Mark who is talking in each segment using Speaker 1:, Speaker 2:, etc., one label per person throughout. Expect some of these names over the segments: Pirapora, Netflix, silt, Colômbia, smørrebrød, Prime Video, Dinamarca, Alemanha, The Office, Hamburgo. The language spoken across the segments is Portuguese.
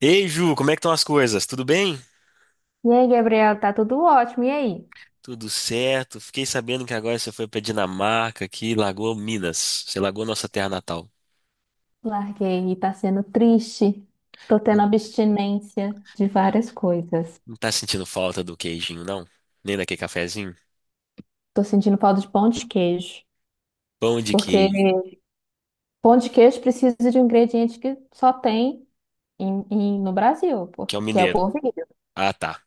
Speaker 1: Ei, Ju, como é que estão as coisas? Tudo bem?
Speaker 2: E aí, Gabriel, tá tudo ótimo. E aí?
Speaker 1: Tudo certo. Fiquei sabendo que agora você foi pra Dinamarca, aqui Lagoa Minas. Você largou nossa terra natal.
Speaker 2: Larguei e tá sendo triste. Tô tendo
Speaker 1: Não
Speaker 2: abstinência de
Speaker 1: tá
Speaker 2: várias coisas.
Speaker 1: não tá sentindo falta do queijinho, não? Nem daquele cafezinho?
Speaker 2: Tô sentindo falta de pão de queijo,
Speaker 1: Pão de
Speaker 2: porque
Speaker 1: queijo,
Speaker 2: pão de queijo precisa de um ingrediente que só tem no Brasil,
Speaker 1: que é o
Speaker 2: que é o
Speaker 1: mineiro.
Speaker 2: polvilho.
Speaker 1: Ah, tá.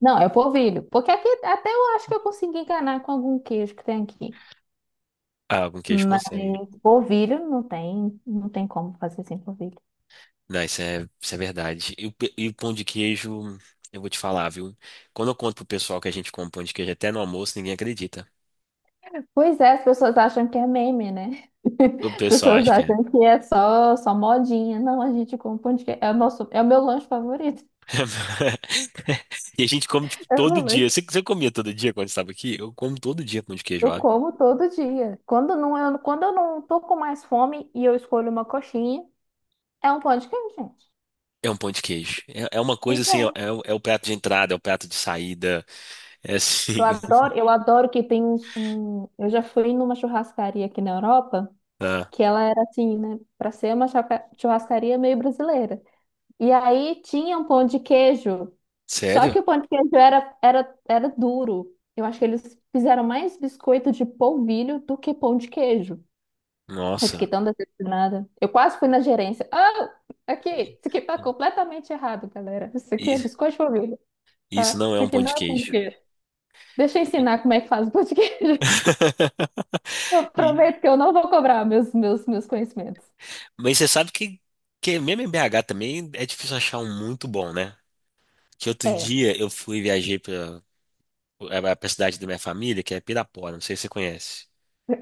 Speaker 2: Não, é o polvilho, porque aqui até eu acho que eu consegui enganar com algum queijo que tem aqui.
Speaker 1: Ah, com queijo
Speaker 2: Mas
Speaker 1: consegue.
Speaker 2: polvilho não tem, não tem como fazer sem polvilho.
Speaker 1: Não, isso é verdade. E o pão de queijo, eu vou te falar, viu? Quando eu conto pro pessoal que a gente come pão de queijo até no almoço, ninguém acredita.
Speaker 2: Pois é, as pessoas acham que é meme, né?
Speaker 1: O
Speaker 2: As
Speaker 1: pessoal
Speaker 2: pessoas
Speaker 1: acha que é.
Speaker 2: acham que é só modinha. Não, a gente come pão de queijo. É o meu lanche favorito.
Speaker 1: E a gente come, tipo,
Speaker 2: É o meu
Speaker 1: todo dia.
Speaker 2: lanche.
Speaker 1: Você comia todo dia quando estava aqui? Eu como todo dia pão de queijo,
Speaker 2: Eu
Speaker 1: ó.
Speaker 2: como todo dia. Quando não, quando eu não tô com mais fome e eu escolho uma coxinha, é um pão de queijo, gente.
Speaker 1: É um pão de queijo. É uma coisa
Speaker 2: Pois é.
Speaker 1: assim, é o prato de entrada, é o prato de saída. É assim.
Speaker 2: Eu adoro que tem um... Eu já fui numa churrascaria aqui na Europa,
Speaker 1: Ah,
Speaker 2: que ela era assim, né? Pra ser uma churrascaria meio brasileira. E aí tinha um pão de queijo. Só
Speaker 1: sério?
Speaker 2: que o pão de queijo era duro. Eu acho que eles fizeram mais biscoito de polvilho do que pão de queijo. Eu fiquei
Speaker 1: Nossa.
Speaker 2: tão decepcionada. Eu quase fui na gerência. Ah, aqui, isso aqui tá completamente errado, galera. Isso aqui é
Speaker 1: Isso,
Speaker 2: biscoito de polvilho,
Speaker 1: isso
Speaker 2: tá?
Speaker 1: não é
Speaker 2: Isso
Speaker 1: um
Speaker 2: aqui
Speaker 1: pão de
Speaker 2: não é pão de
Speaker 1: queijo.
Speaker 2: queijo. Deixa eu ensinar como é que faz o pão de queijo. Eu
Speaker 1: E-
Speaker 2: prometo que eu não vou cobrar meus conhecimentos.
Speaker 1: Mas você sabe que mesmo em BH também é difícil achar um muito bom, né? Que outro
Speaker 2: É,
Speaker 1: dia eu fui viajei para a cidade da minha família, que é Pirapora, não sei se você conhece.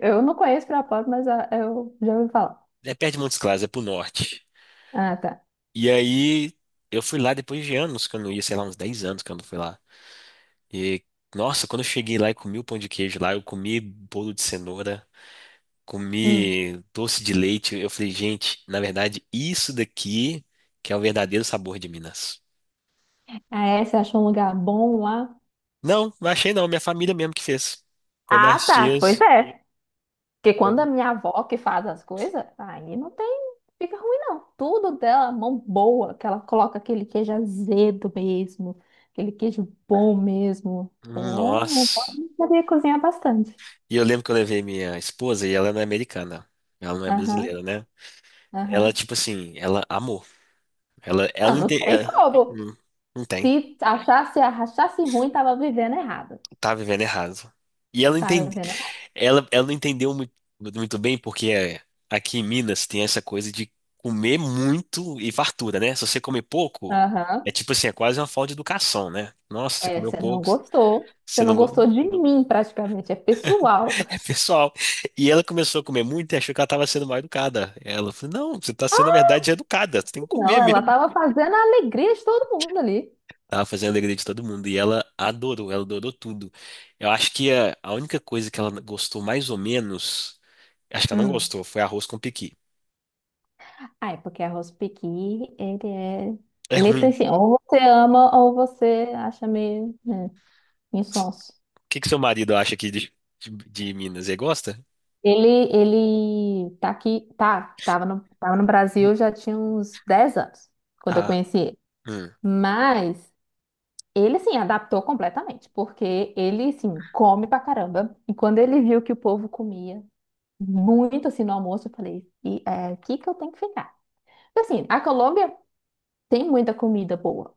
Speaker 2: eu não conheço Pirapora, mas ah, eu já ouvi falar.
Speaker 1: É perto de Montes Claros, é pro norte.
Speaker 2: Ah, tá.
Speaker 1: E aí eu fui lá depois de anos que eu não ia, sei lá, uns 10 anos que eu não fui lá. E nossa, quando eu cheguei lá e comi o pão de queijo lá, eu comi bolo de cenoura,
Speaker 2: Hum.
Speaker 1: comi doce de leite. Eu falei, gente, na verdade, isso daqui que é o verdadeiro sabor de Minas.
Speaker 2: Ah, é? Você achou um lugar bom lá?
Speaker 1: Não, não achei não, minha família mesmo que fez. Foi minhas
Speaker 2: Ah, tá. Pois
Speaker 1: tias.
Speaker 2: é. Porque quando a minha avó que faz as coisas, aí não tem, fica ruim não. Tudo dela, mão boa, que ela coloca aquele queijo azedo mesmo, aquele queijo bom mesmo. É, não
Speaker 1: Nossa.
Speaker 2: pode saber cozinhar bastante.
Speaker 1: E eu lembro que eu levei minha esposa e ela não é americana. Ela não é
Speaker 2: Aham,
Speaker 1: brasileira, né? Ela,
Speaker 2: aham.
Speaker 1: tipo assim, ela amou. Ela,
Speaker 2: Não,
Speaker 1: ela não
Speaker 2: não
Speaker 1: tem.
Speaker 2: tem como.
Speaker 1: Não, não tem.
Speaker 2: Se achasse, achasse ruim, tava vivendo errado.
Speaker 1: Tá vivendo errado. E ela
Speaker 2: Tava
Speaker 1: entende,
Speaker 2: vivendo errado.
Speaker 1: ela não entendeu muito, muito bem, porque é, aqui em Minas tem essa coisa de comer muito e fartura, né? Se você comer pouco, é
Speaker 2: Aham.
Speaker 1: tipo assim, é quase uma falta de educação, né? Nossa, você
Speaker 2: É,
Speaker 1: comeu
Speaker 2: você não
Speaker 1: pouco,
Speaker 2: gostou. Você
Speaker 1: você
Speaker 2: não
Speaker 1: não.
Speaker 2: gostou de mim, praticamente. É pessoal.
Speaker 1: É pessoal. E ela começou a comer muito e achou que ela estava sendo mal educada. Ela falou: Não, você está sendo, na verdade, educada. Você tem que comer
Speaker 2: Não, ela
Speaker 1: mesmo.
Speaker 2: tava fazendo a alegria de todo mundo ali.
Speaker 1: Ela fazia a alegria de todo mundo e ela adorou tudo. Eu acho que a única coisa que ela gostou mais ou menos, acho que ela não
Speaker 2: Hum.
Speaker 1: gostou, foi arroz com pequi.
Speaker 2: Ah, é porque arroz pequi, ele é.
Speaker 1: É
Speaker 2: Ele tem
Speaker 1: ruim. O
Speaker 2: assim, ou você ama ou você acha meio, né, insonso.
Speaker 1: que que seu marido acha aqui de Minas? Ele gosta?
Speaker 2: Ele tá aqui, tava no Brasil já tinha uns 10 anos, quando eu
Speaker 1: Ah,
Speaker 2: conheci ele.
Speaker 1: hum,
Speaker 2: Mas ele, assim, adaptou completamente, porque ele, assim, come pra caramba. E quando ele viu que o povo comia muito, assim, no almoço, eu falei, e é aqui que eu tenho que ficar. Assim, a Colômbia tem muita comida boa.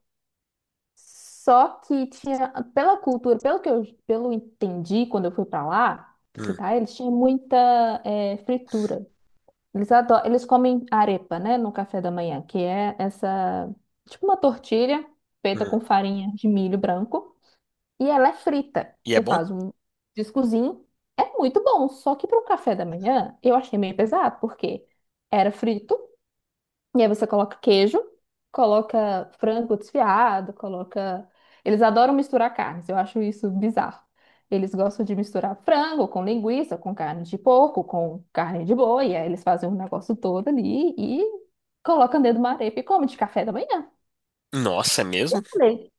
Speaker 2: Só que tinha, pela cultura, pelo que eu, pelo eu entendi quando eu fui pra lá
Speaker 1: hum,
Speaker 2: visitar eles, tinha muita fritura. Eles adoram, eles comem arepa, né, no café da manhã, que é essa, tipo uma tortilha feita
Speaker 1: hum.
Speaker 2: com farinha de milho branco e ela é frita.
Speaker 1: E é
Speaker 2: Você
Speaker 1: bom?
Speaker 2: faz um discozinho, é muito bom, só que para um café da manhã eu achei meio pesado, porque era frito e aí você coloca queijo, coloca frango desfiado, coloca. Eles adoram misturar carnes, eu acho isso bizarro. Eles gostam de misturar frango com linguiça, com carne de porco, com carne de boi, e aí eles fazem um negócio todo ali e colocam dentro de uma arepa e comem de café da manhã.
Speaker 1: Nossa, é
Speaker 2: E
Speaker 1: mesmo?
Speaker 2: eu falei,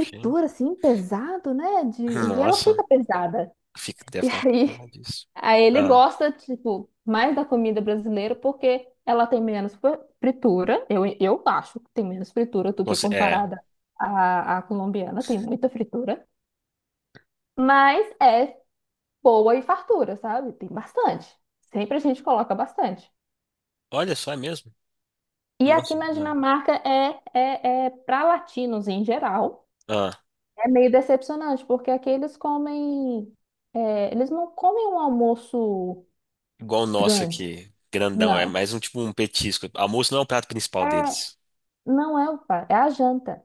Speaker 1: Sim.
Speaker 2: assim, pesado, né? De... E ela fica
Speaker 1: Nossa,
Speaker 2: pesada.
Speaker 1: fica, deve
Speaker 2: E
Speaker 1: ficar com
Speaker 2: aí,
Speaker 1: disso.
Speaker 2: aí ele
Speaker 1: Ah,
Speaker 2: gosta, tipo, mais da comida brasileira porque ela tem menos fritura. Eu acho que tem menos fritura do que
Speaker 1: você, é.
Speaker 2: comparada à colombiana. Tem muita fritura. Mas é boa e fartura, sabe? Tem bastante. Sempre a gente coloca bastante.
Speaker 1: Olha só, é mesmo?
Speaker 2: E aqui
Speaker 1: Nossa,
Speaker 2: na
Speaker 1: ah,
Speaker 2: Dinamarca é para latinos em geral.
Speaker 1: ah.
Speaker 2: É meio decepcionante, porque aqui eles comem. É, eles não comem um almoço
Speaker 1: Igual o nosso
Speaker 2: grande,
Speaker 1: aqui, grandão, é
Speaker 2: não.
Speaker 1: mais um tipo um petisco. Almoço não é o prato principal
Speaker 2: É.
Speaker 1: deles.
Speaker 2: Não é o par, é a janta.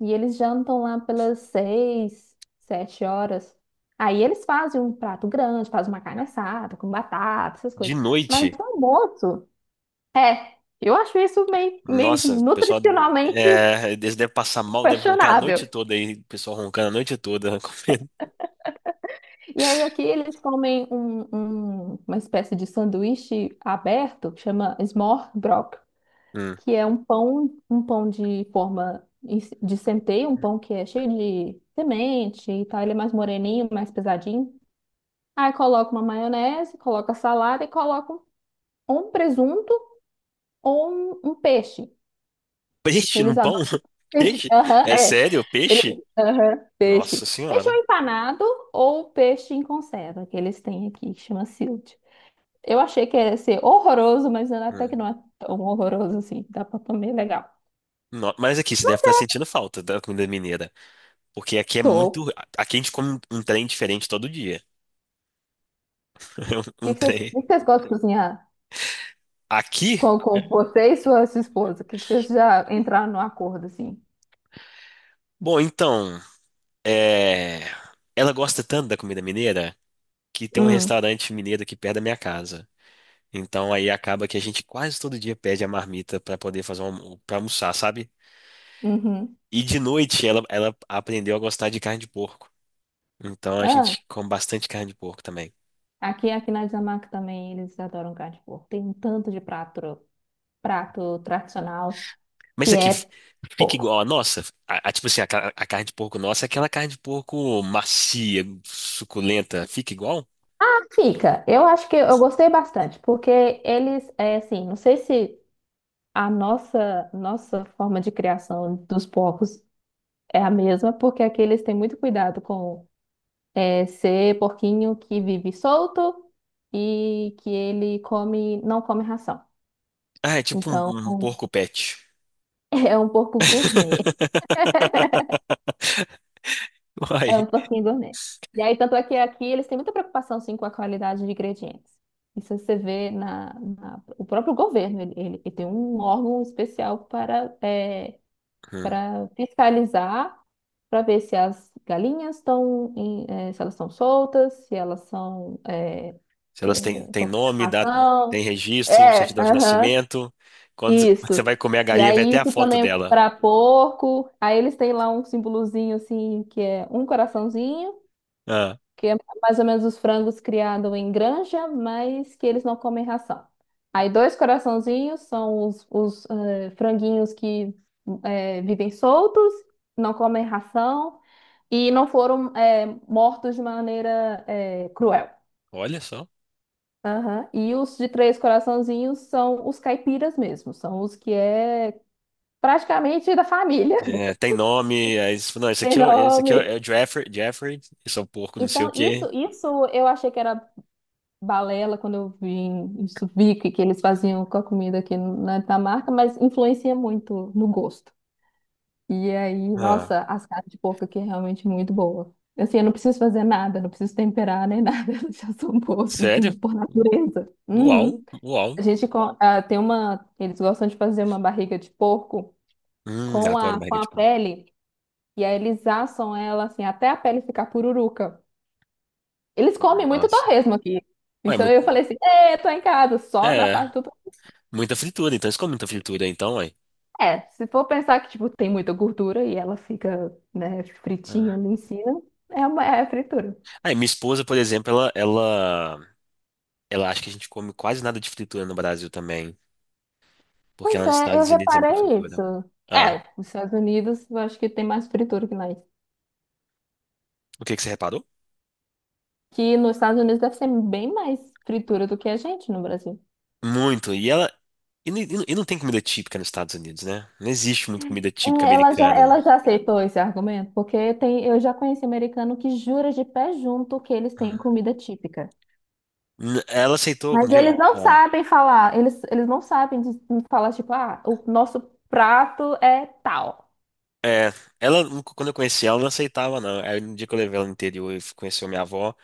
Speaker 2: E eles jantam lá pelas 6, 7 horas. Aí eles fazem um prato grande, fazem uma carne assada, com batata, essas
Speaker 1: De
Speaker 2: coisas. Mas o
Speaker 1: noite,
Speaker 2: almoço, é, eu acho isso meio assim,
Speaker 1: nossa, o pessoal,
Speaker 2: nutricionalmente
Speaker 1: eles devem passar mal, devem roncar a noite
Speaker 2: questionável.
Speaker 1: toda aí, o pessoal roncando a noite toda, comendo.
Speaker 2: E aí aqui eles comem uma espécie de sanduíche aberto, que chama smørrebrød.
Speaker 1: Hum.
Speaker 2: Que é um pão de forma de centeio, um pão que é cheio de semente e tal. Ele é mais moreninho, mais pesadinho. Aí coloca uma maionese, coloca salada e coloca ou um presunto ou um peixe.
Speaker 1: Peixe
Speaker 2: Eles
Speaker 1: no pão?
Speaker 2: adoram peixe.
Speaker 1: Peixe?
Speaker 2: Aham,
Speaker 1: É
Speaker 2: é.
Speaker 1: sério? Peixe?
Speaker 2: Aham,
Speaker 1: Nossa
Speaker 2: peixe. Peixe ou
Speaker 1: senhora.
Speaker 2: empanado ou peixe em conserva, que eles têm aqui, que chama silt. Eu achei que ia ser horroroso, mas até que
Speaker 1: Hum.
Speaker 2: não é tão horroroso assim. Dá pra comer legal.
Speaker 1: Mas aqui você deve estar sentindo falta da comida mineira, porque aqui é
Speaker 2: Tô.
Speaker 1: muito, aqui a gente come um trem diferente todo dia. Um trem.
Speaker 2: O que que vocês gostam de cozinhar?
Speaker 1: Aqui?
Speaker 2: Com você e sua esposa? O que que vocês já entraram no acordo, assim?
Speaker 1: Bom, então. É, ela gosta tanto da comida mineira que tem um
Speaker 2: Hum,
Speaker 1: restaurante mineiro aqui perto da minha casa. Então aí acaba que a gente quase todo dia pede a marmita pra poder para almoçar, sabe?
Speaker 2: uhum.
Speaker 1: E de noite ela aprendeu a gostar de carne de porco. Então a
Speaker 2: Ah,
Speaker 1: gente come bastante carne de porco também.
Speaker 2: aqui na Dinamarca também eles adoram carne de porco. Tem um tanto de prato tradicional
Speaker 1: Mas
Speaker 2: que
Speaker 1: isso aqui
Speaker 2: é
Speaker 1: fica
Speaker 2: porco.
Speaker 1: igual a nossa. Tipo assim, a carne de porco nossa é aquela carne de porco macia, suculenta. Fica igual?
Speaker 2: Fica. Eu acho que eu gostei bastante, porque eles, é assim, não sei se nossa forma de criação dos porcos é a mesma, porque aqui eles têm muito cuidado com. É ser porquinho que vive solto e que ele come, não come ração.
Speaker 1: Ah, é tipo
Speaker 2: Então,
Speaker 1: um porco pet.
Speaker 2: é um porco gourmet.
Speaker 1: Uai.
Speaker 2: É um porquinho gourmet. E aí, tanto é que aqui eles têm muita preocupação, sim, com a qualidade de ingredientes. Isso você vê o próprio governo, ele tem um órgão especial para, é,
Speaker 1: Hum.
Speaker 2: para fiscalizar, para ver se as galinhas estão, se elas estão soltas, se elas são,
Speaker 1: Se elas têm, têm
Speaker 2: estão com
Speaker 1: nome, data,
Speaker 2: ração.
Speaker 1: tem registro,
Speaker 2: É,
Speaker 1: certidão de
Speaker 2: aham,
Speaker 1: nascimento. Quando
Speaker 2: isso.
Speaker 1: você vai comer a
Speaker 2: E
Speaker 1: galinha, vai
Speaker 2: aí,
Speaker 1: até a
Speaker 2: isso
Speaker 1: foto
Speaker 2: também é
Speaker 1: dela.
Speaker 2: para porco. Aí, eles têm lá um símbolozinho assim, que é um coraçãozinho,
Speaker 1: Ah,
Speaker 2: que é mais ou menos os frangos criados em granja, mas que eles não comem ração. Aí, dois coraçãozinhos são franguinhos que vivem soltos, não comem ração e não foram mortos de maneira cruel.
Speaker 1: olha só.
Speaker 2: Aham. E os de três coraçãozinhos são os caipiras mesmo, são os que é praticamente da família,
Speaker 1: É, tem nome. Aí, você fala, não,
Speaker 2: tem
Speaker 1: esse aqui é, o é
Speaker 2: nome.
Speaker 1: o Jeffrey, Jeffrey. Esse é o porco, não sei o
Speaker 2: Então, isso,
Speaker 1: quê.
Speaker 2: isso eu achei que era balela quando eu vim, isso vi que eles faziam com a comida aqui na Dinamarca, mas influencia muito no gosto. E aí,
Speaker 1: Ah,
Speaker 2: nossa, as carnes de porco aqui é realmente muito boa. Assim, eu não preciso fazer nada, não preciso temperar nem nada, elas já são boas
Speaker 1: sério?
Speaker 2: de, por natureza.
Speaker 1: Uau,
Speaker 2: Uhum.
Speaker 1: uau.
Speaker 2: Ah, tem uma. Eles gostam de fazer uma barriga de porco
Speaker 1: Adoro
Speaker 2: com
Speaker 1: barriga
Speaker 2: a
Speaker 1: de porco.
Speaker 2: pele. E aí eles assam ela assim até a pele ficar pururuca. Eles comem muito
Speaker 1: Nossa.
Speaker 2: torresmo aqui.
Speaker 1: Ué,
Speaker 2: Isso eu falei assim, é, tô em casa, só na
Speaker 1: é,
Speaker 2: parte do.
Speaker 1: muita fritura. Então, eles comem muita fritura, então, ué.
Speaker 2: É, se for pensar que, tipo, tem muita gordura e ela fica, né, fritinha
Speaker 1: Ah.
Speaker 2: ali em cima, é uma é fritura.
Speaker 1: Aí, minha esposa, por exemplo, ela acha que a gente come quase nada de fritura no Brasil também. Porque
Speaker 2: Pois
Speaker 1: lá nos
Speaker 2: é, eu
Speaker 1: Estados Unidos é muita
Speaker 2: reparei isso.
Speaker 1: fritura. Ah,
Speaker 2: É, os Estados Unidos, eu acho que tem mais fritura que nós.
Speaker 1: o que que você reparou?
Speaker 2: Que nos Estados Unidos deve ser bem mais fritura do que a gente no Brasil.
Speaker 1: Muito. E ela. E não tem comida típica nos Estados Unidos, né? Não existe muita comida típica
Speaker 2: É, ela
Speaker 1: americana.
Speaker 2: já aceitou esse argumento, porque tem, eu já conheci americano que jura de pé junto que eles têm comida típica.
Speaker 1: Ela aceitou.
Speaker 2: Mas
Speaker 1: quando já-
Speaker 2: eles não
Speaker 1: ah.
Speaker 2: sabem falar, eles não sabem de falar, tipo, ah, o nosso prato é tal.
Speaker 1: É, ela, quando eu conheci ela, não aceitava, não. Aí no dia que eu levei ela no interior e conheceu minha avó.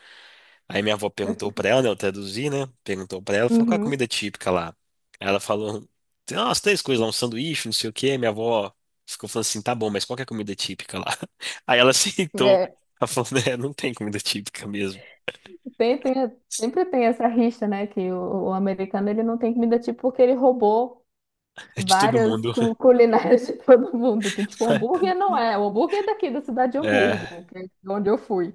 Speaker 1: Aí minha avó perguntou pra ela, né? Eu traduzi, né? Perguntou pra ela, falou, qual é a
Speaker 2: Uhum.
Speaker 1: comida típica lá? Aí ela falou, tem umas três coisas lá, um sanduíche, não sei o quê. Minha avó ficou falando assim, tá bom, mas qual que é a comida típica lá? Aí ela aceitou.
Speaker 2: É,
Speaker 1: Ela falou, né, não tem comida típica mesmo.
Speaker 2: sempre tem essa rixa, né? Que o americano ele não tem comida típica porque ele roubou
Speaker 1: É de todo
Speaker 2: várias
Speaker 1: mundo.
Speaker 2: culinárias de todo mundo. Então, tipo, hambúrguer não é. O hambúrguer é daqui da cidade de
Speaker 1: É.
Speaker 2: Hamburgo, que é de onde eu fui.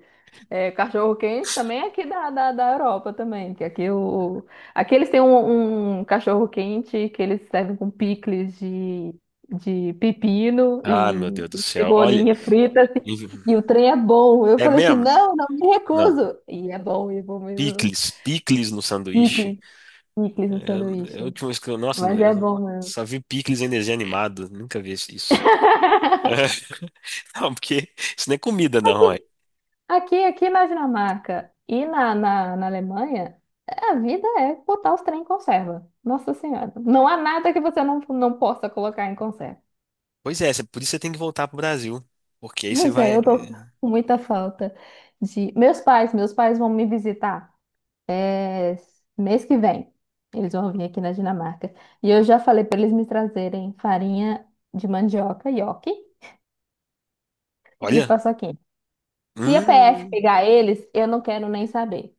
Speaker 2: É, cachorro-quente também é aqui da Europa também, que aqui, o, aqui eles têm um cachorro-quente que eles servem com picles de pepino
Speaker 1: Ah, meu Deus do
Speaker 2: e
Speaker 1: céu. Olha,
Speaker 2: cebolinha frita, assim, e o trem é bom. Eu
Speaker 1: é
Speaker 2: falei assim,
Speaker 1: mesmo?
Speaker 2: não, não me
Speaker 1: Não.
Speaker 2: recuso. E é bom mesmo.
Speaker 1: Picles, picles no sanduíche.
Speaker 2: Picles, picles no
Speaker 1: É a
Speaker 2: sanduíche.
Speaker 1: última vez que eu, nossa,
Speaker 2: Mas é
Speaker 1: eu
Speaker 2: bom mesmo.
Speaker 1: só vi picles em desenho animado. Nunca vi isso. Não, porque isso não é comida, não, ué.
Speaker 2: Aqui, aqui na Dinamarca e na Alemanha, a vida é botar os trem em conserva. Nossa Senhora. Não há nada que você não possa colocar em conserva.
Speaker 1: Pois é, por isso você tem que voltar pro Brasil. Porque aí você
Speaker 2: Pois é,
Speaker 1: vai.
Speaker 2: eu tô com muita falta de. Meus pais vão me visitar é, mês que vem. Eles vão vir aqui na Dinamarca. E eu já falei para eles me trazerem farinha de mandioca, nhoque e
Speaker 1: Olha.
Speaker 2: paçoquinha. Se a PF
Speaker 1: Hum.
Speaker 2: pegar eles, eu não quero nem saber.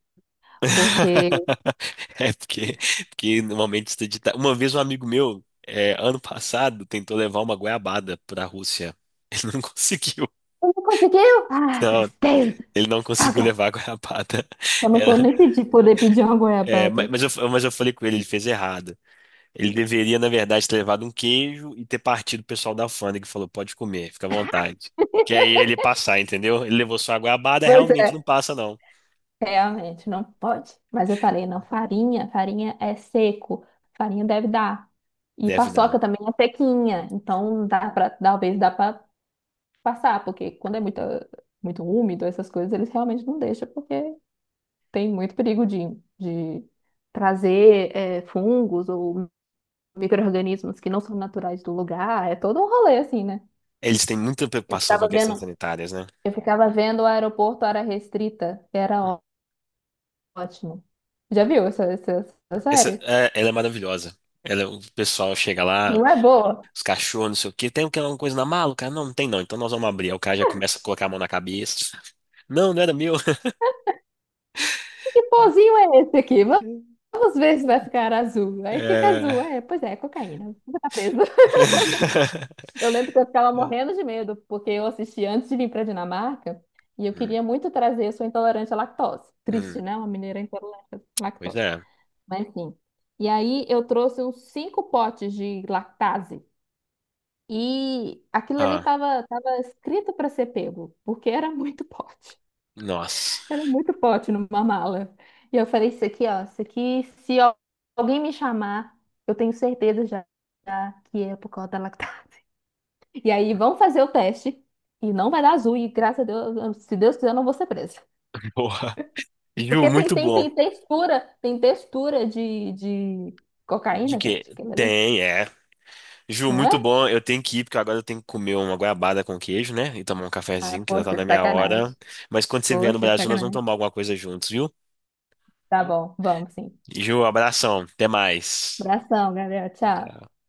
Speaker 2: Porque.
Speaker 1: É porque normalmente você edita. Uma vez um amigo meu, ano passado, tentou levar uma goiabada pra Rússia. Ele não conseguiu.
Speaker 2: Não conseguiu? Ah,
Speaker 1: Não,
Speaker 2: tristeza.
Speaker 1: ele não conseguiu
Speaker 2: Droga.
Speaker 1: levar a goiabada.
Speaker 2: Eu não vou nem pedir, poder pedir uma
Speaker 1: É, é, ma-
Speaker 2: goiabada.
Speaker 1: mas eu, mas eu falei com ele, ele fez errado. Ele deveria, na verdade, ter levado um queijo e ter partido o pessoal da alfândega que falou, pode comer, fica à vontade. Que aí ele ia passar, entendeu? Ele levou só a goiabada,
Speaker 2: Pois é.
Speaker 1: realmente não passa, não.
Speaker 2: Realmente, não pode. Mas eu falei, não, farinha é seco. Farinha deve dar. E
Speaker 1: Deve
Speaker 2: paçoca
Speaker 1: dar.
Speaker 2: também é sequinha. Então, dá pra, talvez dá pra passar, porque quando é muito, muito úmido, essas coisas, eles realmente não deixam, porque tem muito perigo de trazer fungos ou micro-organismos que não são naturais do lugar. É todo um rolê, assim, né?
Speaker 1: Eles têm muita
Speaker 2: Eu
Speaker 1: preocupação com
Speaker 2: ficava
Speaker 1: as questões
Speaker 2: vendo.
Speaker 1: sanitárias, né?
Speaker 2: Eu ficava vendo o aeroporto área restrita, era ótimo. Já viu essa
Speaker 1: Essa,
Speaker 2: série?
Speaker 1: ela é maravilhosa. É o pessoal chega lá,
Speaker 2: Não é boa?
Speaker 1: os cachorros, não sei o quê. Tem alguma coisa na mala? O cara, não, não tem não. Então nós vamos abrir. Aí o cara já começa a colocar a mão na cabeça. Não, não era meu.
Speaker 2: Que pozinho é esse aqui? Vamos ver se vai ficar azul. Aí fica azul.
Speaker 1: É.
Speaker 2: É, pois é, cocaína. Você tá preso. Eu lembro que eu ficava morrendo de medo, porque eu assisti antes de vir para Dinamarca e eu
Speaker 1: Hum,
Speaker 2: queria muito trazer. Eu sou intolerante à lactose.
Speaker 1: hum,
Speaker 2: Triste, né? Uma mineira intolerante à
Speaker 1: pois
Speaker 2: lactose.
Speaker 1: é.
Speaker 2: Mas sim. E aí eu trouxe uns 5 potes de lactase. E aquilo ali
Speaker 1: Ah,
Speaker 2: estava, tava tava escrito para ser pego, porque era muito pote.
Speaker 1: nossa.
Speaker 2: Era muito pote numa mala. E eu falei, isso aqui, ó, isso aqui, se alguém me chamar, eu tenho certeza já que é por causa da lactase. E aí, vamos fazer o teste. E não vai dar azul, e graças a Deus, se Deus quiser, eu não vou ser presa.
Speaker 1: Porra. Ju,
Speaker 2: Porque
Speaker 1: muito bom.
Speaker 2: tem textura de
Speaker 1: De
Speaker 2: cocaína,
Speaker 1: quê?
Speaker 2: gente. Aquilo ali.
Speaker 1: Tem, é. Ju,
Speaker 2: Não
Speaker 1: muito
Speaker 2: é?
Speaker 1: bom. Eu tenho que ir, porque agora eu tenho que comer uma goiabada com queijo, né? E tomar um
Speaker 2: Ah,
Speaker 1: cafezinho, que já tá
Speaker 2: poxa,
Speaker 1: na minha
Speaker 2: sacanagem.
Speaker 1: hora. Mas quando você vier no
Speaker 2: Poxa,
Speaker 1: Brasil, nós vamos
Speaker 2: sacanagem.
Speaker 1: tomar alguma coisa juntos, viu?
Speaker 2: Tá bom, vamos sim.
Speaker 1: Ju, abração. Até mais.
Speaker 2: Abração, Gabriel. Tchau.
Speaker 1: Tchau.